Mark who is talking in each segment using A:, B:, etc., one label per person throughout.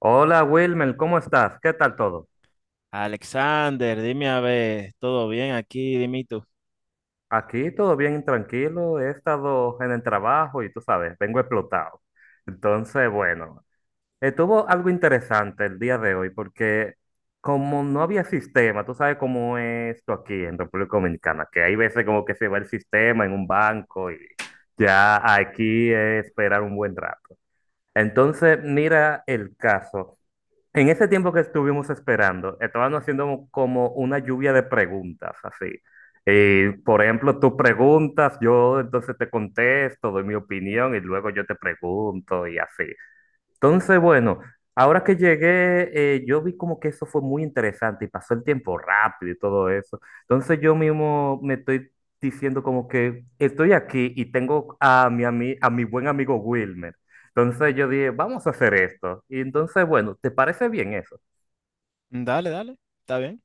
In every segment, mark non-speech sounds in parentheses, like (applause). A: Hola Wilmer, ¿cómo estás? ¿Qué tal todo?
B: Alexander, dime a ver, ¿todo bien aquí? Dime tú.
A: Aquí todo bien, tranquilo. He estado en el trabajo y tú sabes, vengo explotado. Entonces, bueno, estuvo algo interesante el día de hoy porque como no había sistema, tú sabes cómo es esto aquí en República Dominicana, que hay veces como que se va el sistema en un banco y ya aquí es esperar un buen rato. Entonces, mira el caso. En ese tiempo que estuvimos esperando, estaban haciendo como una lluvia de preguntas, así. Por ejemplo, tú preguntas, yo entonces te contesto, doy mi opinión y luego yo te pregunto y así. Entonces, bueno, ahora que llegué, yo vi como que eso fue muy interesante y pasó el tiempo rápido y todo eso. Entonces yo mismo me estoy diciendo como que estoy aquí y tengo a mi buen amigo Wilmer. Entonces yo dije, vamos a hacer esto. Y entonces, bueno, ¿te parece bien eso?
B: Dale, dale, está bien.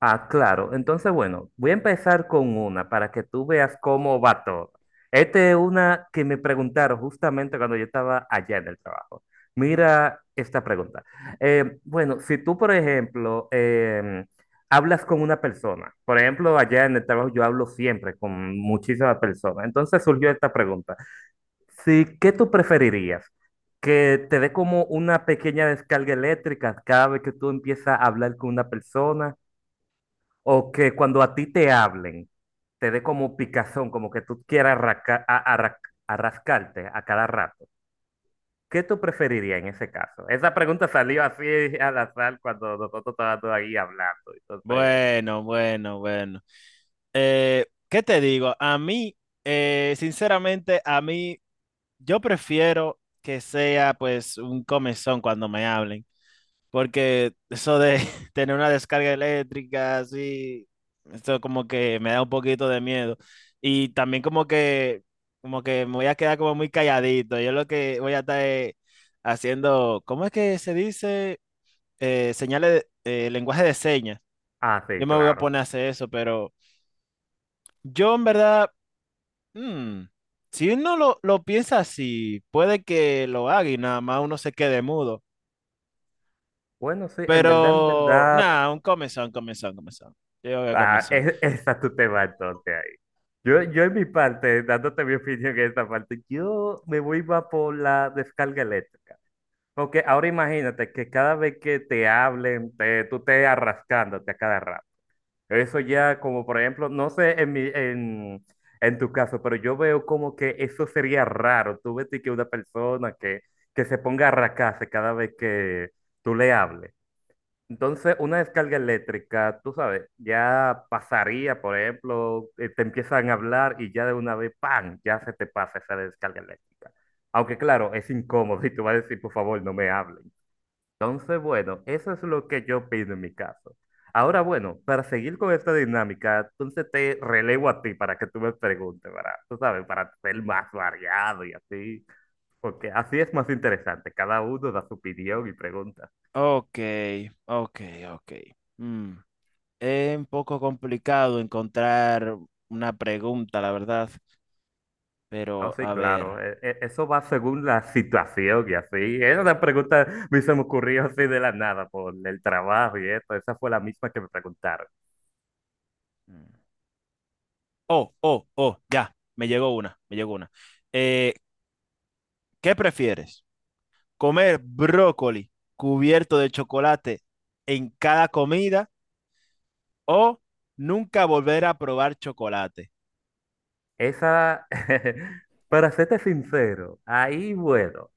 A: Ah, claro. Entonces, bueno, voy a empezar con una para que tú veas cómo va todo. Esta es una que me preguntaron justamente cuando yo estaba allá en el trabajo. Mira esta pregunta. Bueno, si tú, por ejemplo, hablas con una persona, por ejemplo, allá en el trabajo yo hablo siempre con muchísimas personas. Entonces surgió esta pregunta. Si, ¿qué tú preferirías? ¿Que te dé como una pequeña descarga eléctrica cada vez que tú empiezas a hablar con una persona o que cuando a ti te hablen, te dé como picazón, como que tú quieras arrascarte a cada rato? ¿Qué tú preferirías en ese caso? Esa pregunta salió así (laughs) al azar cuando nosotros estábamos ahí hablando. Entonces,
B: Bueno, bueno, bueno. ¿Qué te digo? A mí, sinceramente, a mí, yo prefiero que sea pues un comezón cuando me hablen. Porque eso de (laughs) tener una descarga eléctrica así, esto como que me da un poquito de miedo. Y también como que me voy a quedar como muy calladito. Yo lo que voy a estar haciendo, ¿cómo es que se dice? Señales, lenguaje de señas.
A: ah, sí,
B: Yo me voy a
A: claro.
B: poner a hacer eso, pero yo en verdad, mm, si uno lo piensa así, puede que lo haga y nada más uno se quede mudo.
A: Bueno, sí, en
B: Pero
A: verdad,
B: nada, un comezón, comezón, comezón. Yo voy a
A: ah,
B: comezón.
A: (laughs) esa tú te vas entonces ahí. Yo en mi parte, dándote mi opinión en esta parte, yo me voy va por la descarga eléctrica. Porque ahora imagínate que cada vez que te hablen, tú te arrascándote a cada rato. Eso ya como por ejemplo, no sé en tu caso, pero yo veo como que eso sería raro. Tú ves que una persona que se ponga a arrascarse cada vez que tú le hables. Entonces, una descarga eléctrica, tú sabes, ya pasaría, por ejemplo, te empiezan a hablar y ya de una vez, ¡pam!, ya se te pasa esa descarga eléctrica. Aunque claro, es incómodo y tú vas a decir, por favor, no me hables. Entonces, bueno, eso es lo que yo opino en mi caso. Ahora, bueno, para seguir con esta dinámica, entonces te relevo a ti para que tú me preguntes, ¿verdad? Tú sabes, para ser más variado y así, porque así es más interesante. Cada uno da su opinión y pregunta.
B: Ok, ok, ok. Mm. Es un poco complicado encontrar una pregunta, la verdad.
A: No,
B: Pero
A: sí,
B: a
A: claro,
B: ver.
A: eso va según la situación y así. Esa una pregunta me se me ocurrió así de la nada por el trabajo y eso. Esa fue la misma que me preguntaron.
B: Mm. Oh, oh, oh, ya. Me llegó una, me llegó una. Eh, ¿Qué prefieres? ¿Comer brócoli cubierto de chocolate en cada comida o nunca volver a probar chocolate?
A: Esa, (laughs) para serte sincero, ahí, bueno.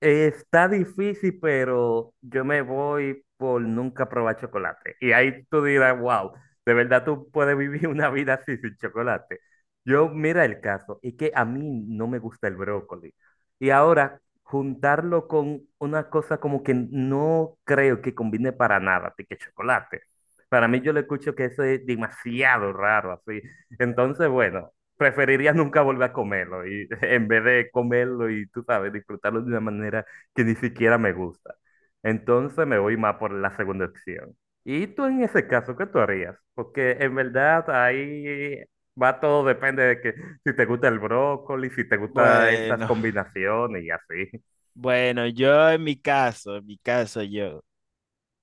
A: Está difícil, pero yo me voy por nunca probar chocolate. Y ahí tú dirás, wow, de verdad tú puedes vivir (laughs) una vida así sin chocolate. Yo, mira el caso, es que a mí no me gusta el brócoli. Y ahora, juntarlo con una cosa como que no creo que combine para nada, de que chocolate. Para mí yo le escucho que eso es demasiado raro, así. Entonces, bueno, preferiría nunca volver a comerlo y, (laughs) en vez de comerlo y, tú sabes, disfrutarlo de una manera que ni siquiera me gusta. Entonces me voy más por la segunda opción. ¿Y tú en ese caso, qué tú harías? Porque en verdad ahí va todo, depende de que si te gusta el brócoli, si te gustan esas
B: Bueno.
A: combinaciones y así.
B: Bueno, yo en mi caso, en mi caso yo,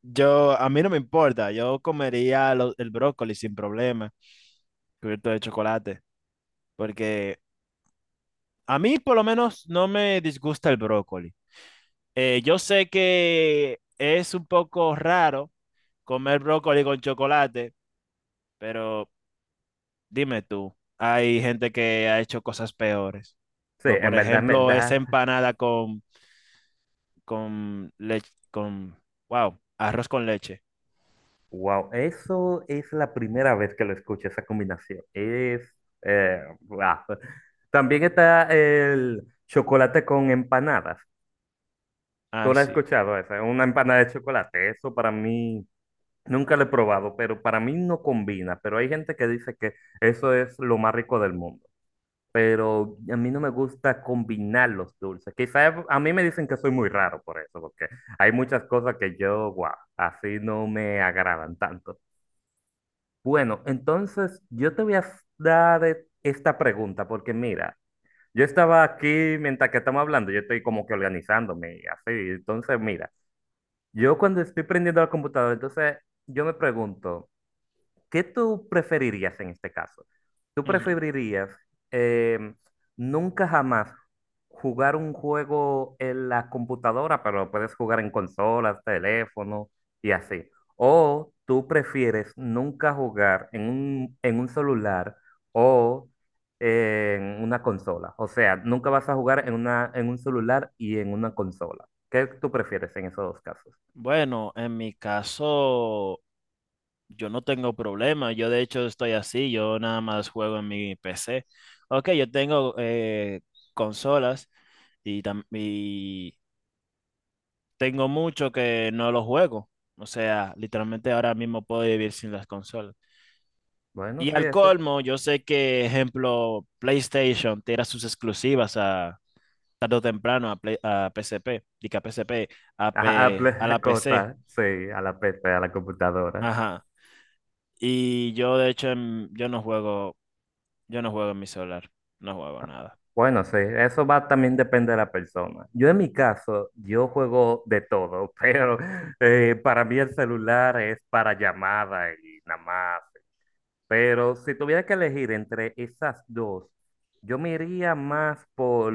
B: yo, a mí no me importa, yo comería el brócoli sin problema, cubierto de chocolate, porque a mí por lo menos no me disgusta el brócoli. Yo sé que es un poco raro comer brócoli con chocolate, pero dime tú, hay gente que ha hecho cosas peores,
A: Sí,
B: como por
A: en
B: ejemplo esa
A: verdad,
B: empanada con leche, con, wow, arroz con leche.
A: wow, eso es la primera vez que lo escucho, esa combinación. Es, guau. También está el chocolate con empanadas.
B: Ah,
A: ¿Tú lo has
B: sí.
A: escuchado esa? Una empanada de chocolate. Eso para mí, nunca lo he probado, pero para mí no combina. Pero hay gente que dice que eso es lo más rico del mundo. Pero a mí no me gusta combinar los dulces. Quizás a mí me dicen que soy muy raro por eso, porque hay muchas cosas que yo, wow, así no me agradan tanto. Bueno, entonces yo te voy a dar esta pregunta porque mira, yo estaba aquí mientras que estamos hablando, yo estoy como que organizándome y así. Entonces, mira, yo cuando estoy prendiendo la computadora, entonces yo me pregunto, ¿qué tú preferirías en este caso? ¿Tú
B: Ujú.
A: preferirías eh, nunca jamás jugar un juego en la computadora, pero lo puedes jugar en consolas, teléfono y así? ¿O tú prefieres nunca jugar en en un celular o en una consola? O sea, nunca vas a jugar en en un celular y en una consola. ¿Qué tú prefieres en esos dos casos?
B: Bueno, en mi caso, yo no tengo problema. Yo de hecho estoy así. Yo nada más juego en mi PC. Ok, yo tengo consolas y tengo mucho que no lo juego. O sea, literalmente ahora mismo puedo vivir sin las consolas.
A: Bueno,
B: Y
A: sí,
B: al
A: eso,
B: colmo, yo sé que, ejemplo, PlayStation tira sus exclusivas a tarde o temprano a, PSP, diga PSP,
A: a,
B: A la PC.
A: (laughs) sí, a la PC, a la computadora.
B: Ajá. Y yo, de hecho, yo no juego en mi celular, no juego nada.
A: Bueno, sí, eso va también depende de la persona. Yo en mi caso, yo juego de todo, (laughs) pero para mí el celular es para llamada y nada más. Pero si tuviera que elegir entre esas dos, yo me iría más por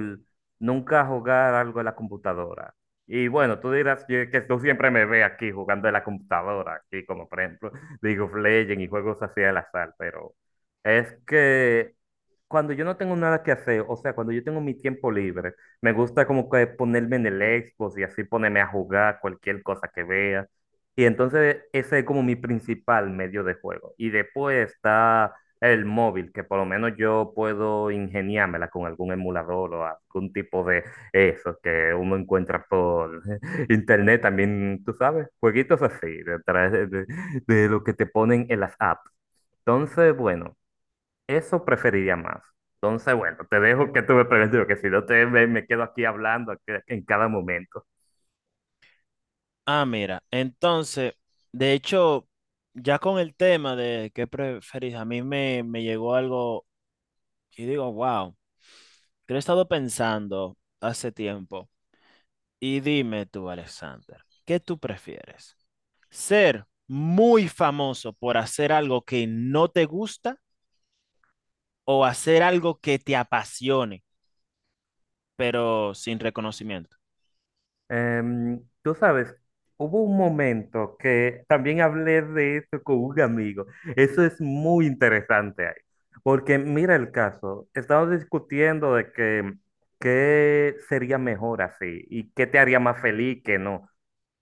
A: nunca jugar algo en la computadora. Y bueno, tú dirás que tú siempre me ves aquí jugando en la computadora, aquí como por ejemplo League of Legends y juegos así al azar, pero es que cuando yo no tengo nada que hacer, o sea, cuando yo tengo mi tiempo libre, me gusta como que ponerme en el Xbox y así ponerme a jugar cualquier cosa que vea. Y entonces ese es como mi principal medio de juego. Y después está el móvil, que por lo menos yo puedo ingeniármela con algún emulador o algún tipo de eso que uno encuentra por (laughs) internet también, tú sabes, jueguitos así, de, tra- de lo que te ponen en las apps. Entonces, bueno, eso preferiría más. Entonces, bueno, te dejo que tú me preguntes, porque si no me quedo aquí hablando aquí en cada momento.
B: Ah, mira, entonces, de hecho, ya con el tema de qué preferís, a mí me llegó algo y digo, wow, que lo he estado pensando hace tiempo. Y dime tú, Alexander, ¿qué tú prefieres? ¿Ser muy famoso por hacer algo que no te gusta o hacer algo que te apasione, pero sin reconocimiento?
A: Tú sabes, hubo un momento que también hablé de esto con un amigo. Eso es muy interesante ahí. Porque mira el caso, estamos discutiendo de que qué sería mejor así y qué te haría más feliz que no.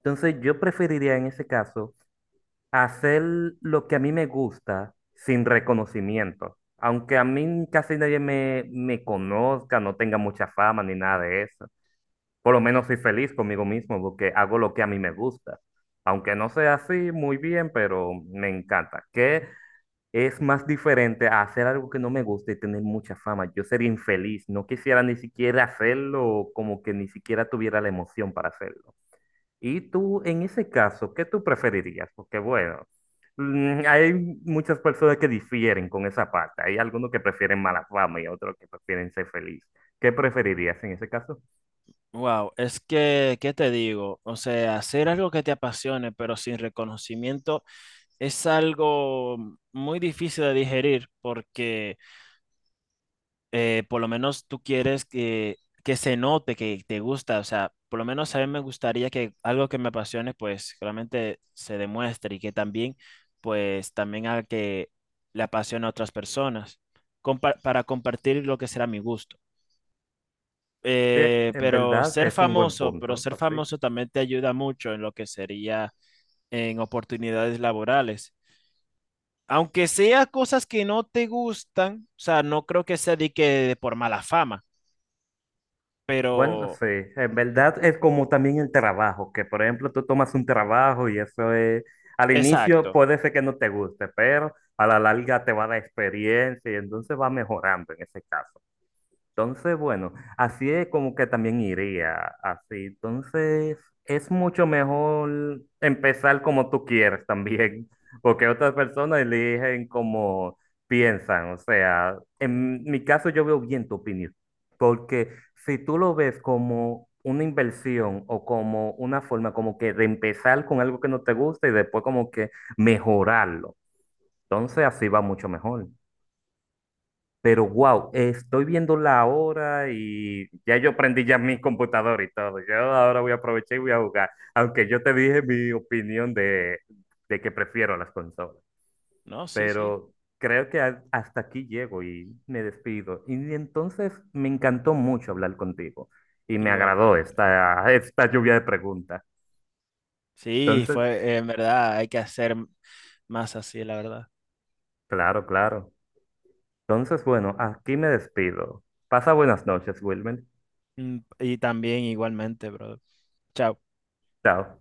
A: Entonces yo preferiría en ese caso hacer lo que a mí me gusta sin reconocimiento. Aunque a mí casi nadie me conozca, no tenga mucha fama ni nada de eso, por lo menos soy feliz conmigo mismo porque hago lo que a mí me gusta. Aunque no sea así muy bien, pero me encanta. ¿Qué es más diferente a hacer algo que no me gusta y tener mucha fama? Yo sería infeliz, no quisiera ni siquiera hacerlo, o como que ni siquiera tuviera la emoción para hacerlo. Y tú, en ese caso, ¿qué tú preferirías? Porque bueno, hay muchas personas que difieren con esa parte. Hay algunos que prefieren mala fama y otros que prefieren ser feliz. ¿Qué preferirías en ese caso?
B: Wow, es que, ¿qué te digo? O sea, hacer algo que te apasione, pero sin reconocimiento, es algo muy difícil de digerir porque por lo menos tú quieres que se note que te gusta. O sea, por lo menos a mí me gustaría que algo que me apasione, pues realmente se demuestre y que también, pues también haga que le apasione a otras personas para compartir lo que será mi gusto,
A: Sí, en verdad es un buen
B: pero
A: punto,
B: ser
A: así.
B: famoso también te ayuda mucho en lo que sería en oportunidades laborales. Aunque sea cosas que no te gustan, o sea, no creo que sea de que por mala fama,
A: Bueno,
B: pero
A: sí, en verdad es como también el trabajo, que por ejemplo tú tomas un trabajo y eso es, al inicio
B: exacto.
A: puede ser que no te guste, pero a la larga te va a dar experiencia y entonces va mejorando en ese caso. Entonces, bueno, así es como que también iría, así. Entonces, es mucho mejor empezar como tú quieres también, (laughs) porque otras personas eligen como piensan. O sea, en mi caso yo veo bien tu opinión, porque si tú lo ves como una inversión o como una forma como que de empezar con algo que no te gusta y después como que mejorarlo, entonces así va mucho mejor.
B: Mm.
A: Pero wow, estoy viendo la hora y ya yo prendí ya mi computadora y todo. Yo ahora voy a aprovechar y voy a jugar. Aunque yo te dije mi opinión de que prefiero las consolas.
B: No, sí, sí,
A: Pero creo que hasta aquí llego y me despido. Y entonces me encantó mucho hablar contigo. Y me agradó
B: igualmente.
A: esta, esta lluvia de preguntas.
B: Sí,
A: Entonces,
B: fue, en verdad, hay que hacer más así, la verdad.
A: claro, claro. Entonces, bueno, aquí me despido. Pasa buenas noches, Wilmer.
B: Mm, y también igualmente, bro. Chao.
A: Chao.